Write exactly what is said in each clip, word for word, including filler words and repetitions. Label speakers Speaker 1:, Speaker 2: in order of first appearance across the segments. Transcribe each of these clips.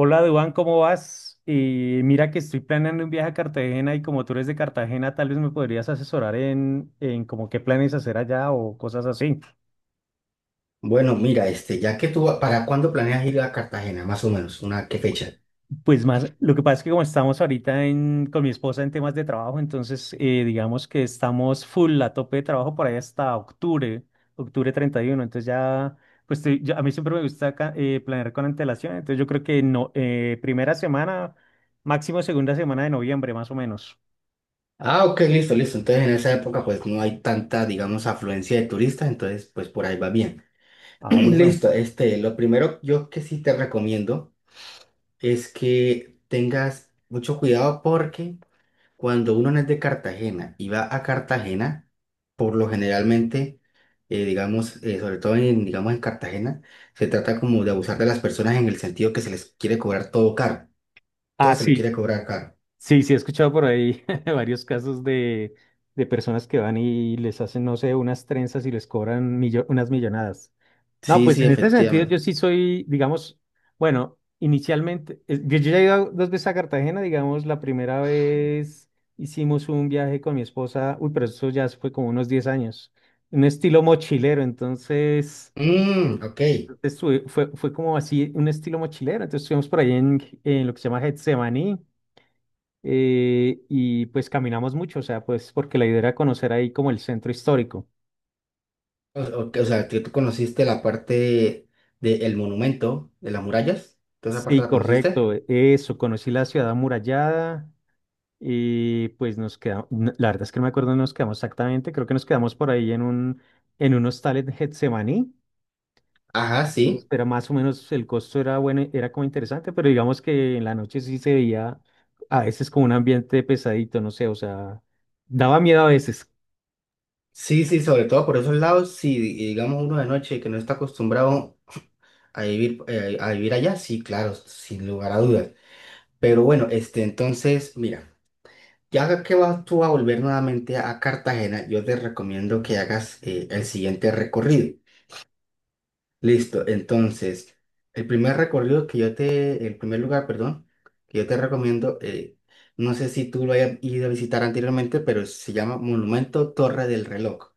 Speaker 1: Hola, Duan, ¿cómo vas? Eh, mira que estoy planeando un viaje a Cartagena y como tú eres de Cartagena, tal vez me podrías asesorar en, en como qué planes hacer allá o cosas así.
Speaker 2: Bueno, mira, este, ya que tú, ¿para cuándo planeas ir a Cartagena, más o menos? ¿Una qué fecha?
Speaker 1: Pues más, lo que pasa es que como estamos ahorita en, con mi esposa en temas de trabajo, entonces eh, digamos que estamos full a tope de trabajo por ahí hasta octubre, octubre treinta y uno. Entonces ya, pues estoy- yo- a mí siempre me gusta ca- eh, planear con antelación, entonces yo creo que no, eh, primera semana, máximo segunda semana de noviembre, más o menos.
Speaker 2: Ah, ok, listo, listo. Entonces en esa época pues no hay tanta, digamos, afluencia de turistas, entonces pues por ahí va bien.
Speaker 1: Ah, bueno.
Speaker 2: Listo, este, lo primero yo que sí te recomiendo es que tengas mucho cuidado porque cuando uno no es de Cartagena y va a Cartagena, por lo generalmente, eh, digamos, eh, sobre todo en, digamos, en Cartagena, se trata como de abusar de las personas en el sentido que se les quiere cobrar todo caro. Todo
Speaker 1: Ah,
Speaker 2: se le
Speaker 1: sí.
Speaker 2: quiere cobrar caro.
Speaker 1: Sí, sí, he escuchado por ahí varios casos de, de personas que van y les hacen, no sé, unas trenzas y les cobran millo- unas millonadas. No,
Speaker 2: Sí,
Speaker 1: pues
Speaker 2: sí,
Speaker 1: en este sentido
Speaker 2: efectivamente.
Speaker 1: yo sí soy, digamos, bueno, inicialmente, eh, yo, yo ya he ido dos veces a Cartagena, digamos, la primera vez hicimos un viaje con mi esposa, uy, pero eso ya fue como unos diez años, un estilo mochilero, entonces
Speaker 2: Mm, ok.
Speaker 1: estuve- fue, fue como así, un estilo mochilero, entonces estuvimos por ahí en, en lo que se llama Getsemaní, eh, y pues caminamos mucho, o sea, pues porque la idea era conocer ahí como el centro histórico.
Speaker 2: O, ok, o sea, que tú conociste la parte del monumento, de las murallas. ¿Toda esa
Speaker 1: Sí,
Speaker 2: parte la conociste?
Speaker 1: correcto, eso, conocí la ciudad amurallada y pues nos quedamos, la verdad es que no me acuerdo dónde nos quedamos exactamente, creo que nos quedamos por ahí en un, en un hostal en Getsemaní,
Speaker 2: Ajá,
Speaker 1: entonces,
Speaker 2: sí.
Speaker 1: pero más o menos el costo era bueno, era como interesante, pero digamos que en la noche sí se veía a veces como un ambiente pesadito, no sé, o sea, daba miedo a veces.
Speaker 2: Sí, sí, sobre todo por esos lados, si digamos uno de noche que no está acostumbrado a vivir, eh, a vivir allá, sí, claro, sin lugar a dudas. Pero bueno, este, entonces, mira, ya que vas tú a volver nuevamente a Cartagena, yo te recomiendo que hagas eh, el siguiente recorrido. Listo, entonces, el primer recorrido que yo te, el primer lugar, perdón, que yo te recomiendo, eh, no sé si tú lo hayas ido a visitar anteriormente, pero se llama Monumento Torre del Reloj,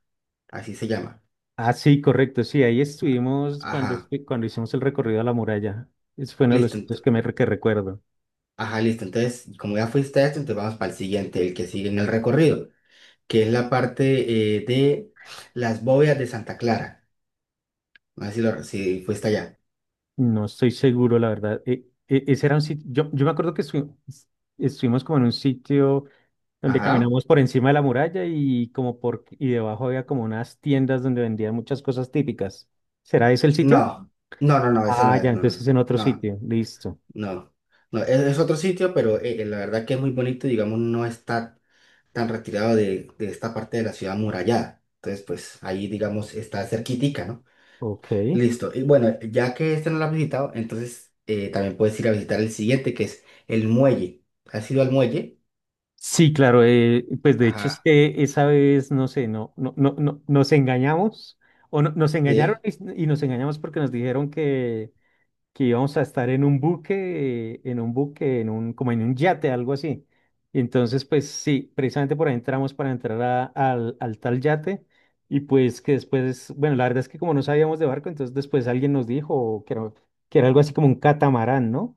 Speaker 2: así se llama.
Speaker 1: Ah, sí, correcto, sí, ahí estuvimos cuando,
Speaker 2: Ajá,
Speaker 1: estu- cuando hicimos el recorrido a la muralla. Ese fue uno de los
Speaker 2: listo,
Speaker 1: sitios
Speaker 2: ento-
Speaker 1: que me re- que recuerdo.
Speaker 2: ajá, listo, entonces, como ya fuiste a esto, entonces vamos para el siguiente, el que sigue en el recorrido, que es la parte, eh, de las bóvedas de Santa Clara, no sé si, lo, si fuiste allá.
Speaker 1: No estoy seguro, la verdad. E- e- ese era un sitio, yo, yo me acuerdo que estu- estuvimos como en un sitio donde
Speaker 2: Ajá,
Speaker 1: caminamos por encima de la muralla y como por y debajo había como unas tiendas donde vendían muchas cosas típicas. ¿Será ese el sitio?
Speaker 2: no, no, no, no, ese no
Speaker 1: Ah, ya,
Speaker 2: es, no, no,
Speaker 1: entonces
Speaker 2: no.
Speaker 1: es en otro
Speaker 2: No.
Speaker 1: sitio. Listo.
Speaker 2: No, no, es, es otro sitio, pero eh, la verdad que es muy bonito, digamos, no está tan retirado de, de esta parte de la ciudad amurallada. Entonces, pues ahí, digamos, está cerquitica, ¿no?
Speaker 1: Ok.
Speaker 2: Listo. Y bueno, ya que este no lo has visitado, entonces eh, también puedes ir a visitar el siguiente, que es el muelle. ¿Has ido al muelle?
Speaker 1: Sí, claro, eh, pues de hecho es
Speaker 2: Ajá.
Speaker 1: que esa vez, no sé, no, no, no, no- nos engañamos o no- nos engañaron
Speaker 2: Sí.
Speaker 1: y, y nos engañamos porque nos dijeron que, que íbamos a estar en un buque, eh, en un buque, en un, como en un yate, algo así. Y entonces, pues sí, precisamente por ahí entramos para entrar a- al, al tal yate y pues que después, bueno, la verdad es que como no sabíamos de barco, entonces después alguien nos dijo que era, que era algo así como un catamarán, ¿no?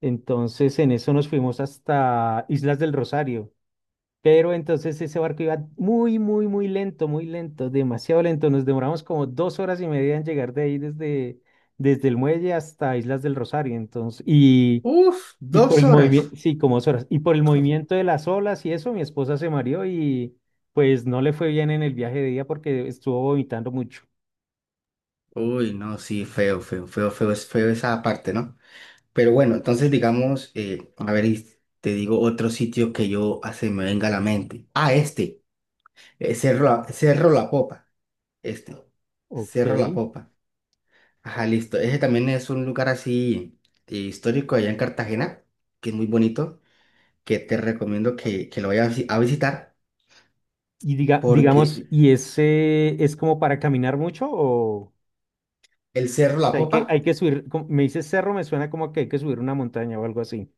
Speaker 1: Entonces en eso nos fuimos hasta Islas del Rosario. Pero entonces ese barco iba muy, muy, muy lento, muy lento, demasiado lento. Nos demoramos como dos horas y media en llegar de ahí desde, desde el muelle hasta Islas del Rosario. Entonces, y,
Speaker 2: Uf,
Speaker 1: y por
Speaker 2: dos
Speaker 1: el
Speaker 2: horas.
Speaker 1: movimiento, sí, como dos horas. Y por el movimiento de las olas y eso, mi esposa se mareó y pues no le fue bien en el viaje de día porque estuvo vomitando mucho.
Speaker 2: Uy, no, sí, feo, feo, feo, feo, es feo esa parte, ¿no? Pero bueno, entonces digamos, eh, a ver, y te digo otro sitio que yo hace me venga a la mente. Ah, este, eh, Cerro, La- Cerro La Popa, este,
Speaker 1: Ok.
Speaker 2: Cerro La Popa. Ajá, listo. Ese también es un lugar así eh, histórico allá en Cartagena, que es muy bonito, que te recomiendo que, que lo vayas a visi- a visitar,
Speaker 1: Y diga,
Speaker 2: porque
Speaker 1: digamos, ¿y ese es como para caminar mucho o, o
Speaker 2: el Cerro La
Speaker 1: sea, hay que,
Speaker 2: Popa,
Speaker 1: hay que subir, como- me dice cerro, me suena como que hay que subir una montaña o algo así?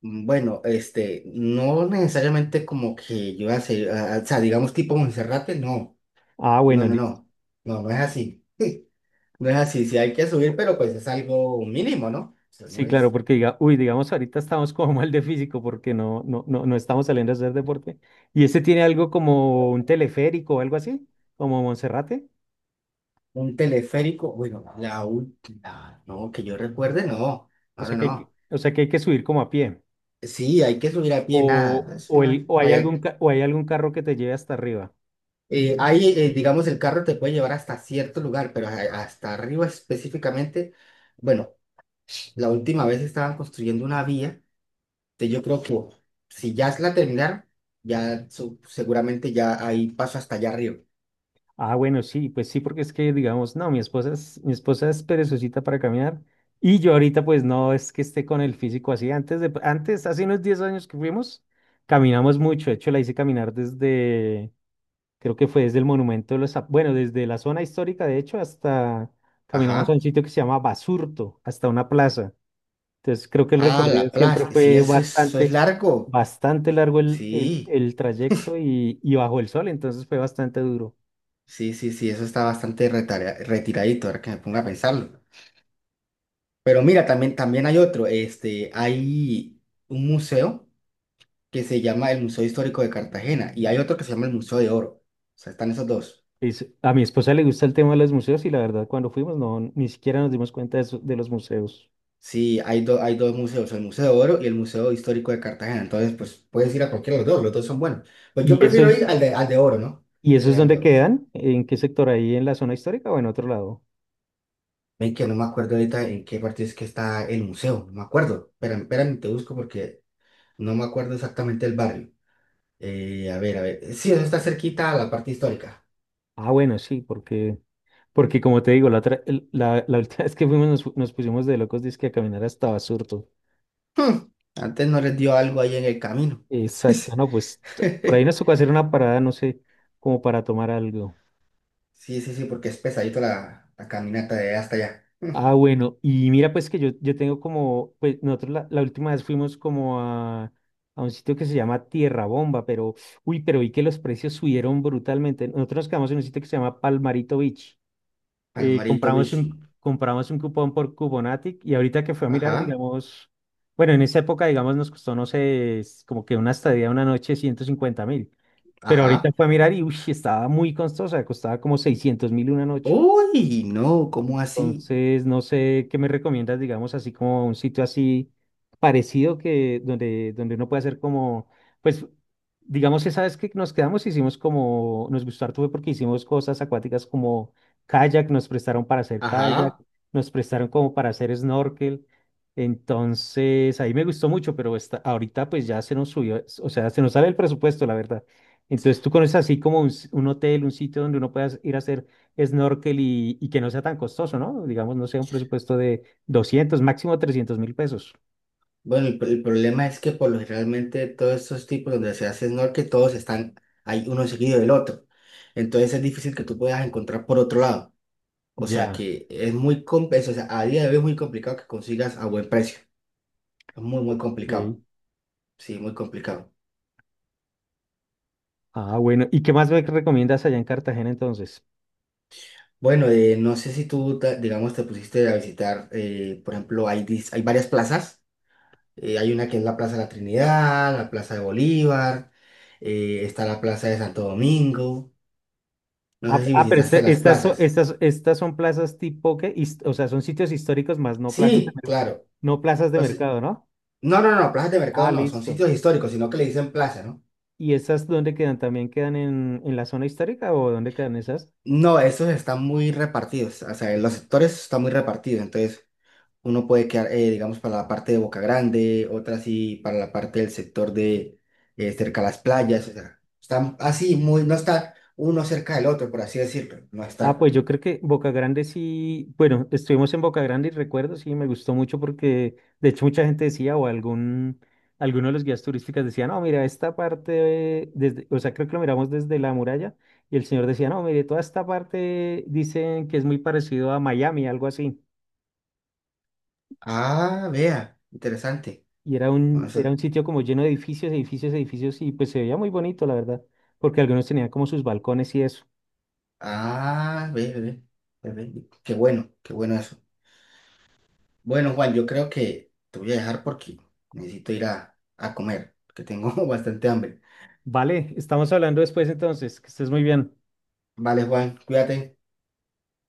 Speaker 2: mm, bueno, este, no necesariamente como que yo hace, ah, ah, o sea, digamos tipo Monserrate, no,
Speaker 1: Ah,
Speaker 2: no,
Speaker 1: bueno,
Speaker 2: no,
Speaker 1: listo.
Speaker 2: no, no, no es así. No es así, sí hay que subir, pero pues es algo mínimo, ¿no? O sea, no
Speaker 1: Sí, claro,
Speaker 2: es
Speaker 1: porque diga, uy, digamos, ahorita estamos como mal de físico porque no, no, no, no estamos saliendo a hacer deporte. ¿Y ese tiene algo como un teleférico o algo así? ¿Como Monserrate?
Speaker 2: un teleférico, bueno, la última, no, que yo recuerde, no,
Speaker 1: O
Speaker 2: ahora
Speaker 1: sea que hay que,
Speaker 2: no.
Speaker 1: o sea que hay que subir como a pie.
Speaker 2: Sí, hay que subir a pie, nada,
Speaker 1: O,
Speaker 2: entonces
Speaker 1: o,
Speaker 2: no hay,
Speaker 1: el, o
Speaker 2: no
Speaker 1: hay
Speaker 2: hay
Speaker 1: algún,
Speaker 2: acto.
Speaker 1: ca- o hay algún carro que te lleve hasta arriba.
Speaker 2: Eh, ahí, eh, digamos, el carro te puede llevar hasta cierto lugar, pero a- hasta arriba específicamente, bueno, la última vez estaban construyendo una vía, que yo creo que si ya la terminaron, ya su- seguramente ya ahí paso hasta allá arriba.
Speaker 1: Ah, bueno, sí, pues sí, porque es que digamos, no, mi esposa es, mi esposa es perezosita para caminar y yo ahorita pues no es que esté con el físico así. Antes de, antes, hace unos diez años que fuimos, caminamos mucho. De hecho, la hice caminar desde, creo que fue desde el Monumento de los, Zap- Bueno, desde la zona histórica, de hecho, hasta, caminamos a
Speaker 2: Ajá.
Speaker 1: un sitio que se llama Basurto, hasta una plaza. Entonces, creo que el
Speaker 2: Ah,
Speaker 1: recorrido
Speaker 2: la
Speaker 1: siempre
Speaker 2: plaza. Sí,
Speaker 1: fue
Speaker 2: eso es, eso es
Speaker 1: bastante,
Speaker 2: largo.
Speaker 1: bastante largo el, el,
Speaker 2: Sí,
Speaker 1: el trayecto y, y bajo el sol, entonces fue bastante duro.
Speaker 2: sí, sí, sí, eso está bastante retarea- retiradito, ahora que me pongo a pensarlo. Pero mira, también, también hay otro. Este, hay un museo que se llama el Museo Histórico de Cartagena y hay otro que se llama el Museo de Oro. O sea, están esos dos.
Speaker 1: Es- a mi esposa le gusta el tema de los museos y la verdad cuando fuimos no ni siquiera nos dimos cuenta de, eso- de los museos.
Speaker 2: Sí, hay, do- hay dos museos, el Museo de Oro y el Museo Histórico de Cartagena. Entonces, pues puedes ir a cualquiera de los dos, los dos son buenos. Pues yo
Speaker 1: ¿Y
Speaker 2: prefiero ir
Speaker 1: esos,
Speaker 2: al de, al de Oro, ¿no?
Speaker 1: y
Speaker 2: Prefiero
Speaker 1: esos
Speaker 2: ir al de
Speaker 1: dónde
Speaker 2: Oro.
Speaker 1: quedan? ¿En qué sector? ¿Ahí en la zona histórica o en otro lado?
Speaker 2: Ven que no me acuerdo ahorita en qué parte es que está el museo, no me acuerdo. Espérame, espérame, te busco porque no me acuerdo exactamente el barrio. Eh, a ver, a ver. Sí, eso está cerquita a la parte histórica.
Speaker 1: Ah, bueno, sí, porque, porque como te digo, la, otra- el- la, la última vez que fuimos nos, fu- nos pusimos de locos dizque a caminar hasta Basurto.
Speaker 2: Antes no les dio algo ahí en el camino.
Speaker 1: Exacto, no, pues t- por ahí nos tocó hacer una parada, no sé, como para tomar algo.
Speaker 2: Sí, sí, sí, porque es pesadito la, la caminata de hasta allá.
Speaker 1: Ah, bueno, y mira, pues que yo, yo tengo como, pues nosotros la, la última vez fuimos como a, a un sitio que se llama Tierra Bomba, pero, uy, pero vi que los precios subieron brutalmente. Nosotros nos quedamos en un sitio que se llama Palmarito Beach. Eh,
Speaker 2: Palmarito
Speaker 1: compramos
Speaker 2: Beach.
Speaker 1: un, compramos un cupón por Cuponatic y ahorita que fue a mirar,
Speaker 2: Ajá,
Speaker 1: digamos, bueno, en esa época, digamos, nos costó, no sé, es como que una estadía una noche ciento cincuenta mil, pero ahorita
Speaker 2: ajá.
Speaker 1: fue a mirar y, uy, estaba muy costosa, costaba como seiscientos mil una noche.
Speaker 2: Uy, no, ¿cómo así?
Speaker 1: Entonces, no sé qué me recomiendas, digamos, así como un sitio así parecido que donde, donde uno puede hacer como, pues, digamos, esa vez que nos quedamos, hicimos como, nos gustó harto fue porque hicimos cosas acuáticas como kayak, nos prestaron para hacer kayak,
Speaker 2: Ajá.
Speaker 1: nos prestaron como para hacer snorkel. Entonces, ahí me gustó mucho, pero esta- ahorita pues ya se nos subió, o sea, se nos sale el presupuesto, la verdad. Entonces, tú conoces así como un, s- un hotel, un sitio donde uno pueda ir a hacer snorkel y, y que no sea tan costoso, ¿no? Digamos, no sea un presupuesto de doscientos máximo trescientos mil pesos.
Speaker 2: Bueno, el, el problema es que por lo generalmente todos estos tipos donde se hace snorkel, todos están ahí uno seguido del otro. Entonces es difícil que tú puedas encontrar por otro lado. O sea
Speaker 1: Ya.
Speaker 2: que es muy complejo, o sea, a día de hoy es muy complicado que consigas a buen precio. Es muy, muy
Speaker 1: Ok.
Speaker 2: complicado. Sí, muy complicado.
Speaker 1: Ah, bueno. ¿Y qué más me recomiendas allá en Cartagena entonces?
Speaker 2: Bueno, eh, no sé si tú, ta- digamos, te pusiste a visitar, eh, por ejemplo, hay, dis- hay varias plazas. Eh, hay una que es la Plaza de la Trinidad, la Plaza de Bolívar, eh, está la Plaza de Santo Domingo. No
Speaker 1: Ah,
Speaker 2: sé si
Speaker 1: ah, pero
Speaker 2: visitaste
Speaker 1: este-
Speaker 2: las
Speaker 1: estas, son,
Speaker 2: plazas.
Speaker 1: estas, estas son plazas tipo que, o sea, son sitios históricos más no plazas de,
Speaker 2: Sí,
Speaker 1: mer-
Speaker 2: claro.
Speaker 1: no plazas de
Speaker 2: O sea,
Speaker 1: mercado, ¿no?
Speaker 2: no, no, no, plazas de
Speaker 1: Ah,
Speaker 2: mercado no, son
Speaker 1: listo.
Speaker 2: sitios históricos, sino que le dicen plaza, ¿no?
Speaker 1: ¿Y esas dónde quedan? ¿También quedan en, en la zona histórica o dónde quedan esas?
Speaker 2: No, esos están muy repartidos, o sea, los sectores están muy repartidos, entonces uno puede quedar, eh, digamos, para la parte de Boca Grande, otra sí para la parte del sector de eh, cerca a las playas, o sea, están así, muy, no está uno cerca del otro, por así decirlo, no
Speaker 1: Ah,
Speaker 2: está.
Speaker 1: pues yo creo que Boca Grande sí, bueno, estuvimos en Boca Grande y recuerdo, sí, me gustó mucho porque de hecho mucha gente decía o algún, alguno de los guías turísticos decía, no, mira, esta parte, eh, desde, o sea, creo que lo miramos desde la muralla y el señor decía, no, mire, toda esta parte dicen que es muy parecido a Miami, algo así.
Speaker 2: Ah, vea, interesante.
Speaker 1: Y era
Speaker 2: O
Speaker 1: un, era
Speaker 2: sea,
Speaker 1: un sitio como lleno de edificios, edificios, edificios y pues se veía muy bonito, la verdad, porque algunos tenían como sus balcones y eso.
Speaker 2: ah, ve, ve, ve, ve, ve, qué bueno, qué bueno eso. Bueno, Juan, yo creo que te voy a dejar porque necesito ir a, a comer, que tengo bastante hambre.
Speaker 1: Vale, estamos hablando después entonces, que estés muy bien.
Speaker 2: Vale, Juan, cuídate.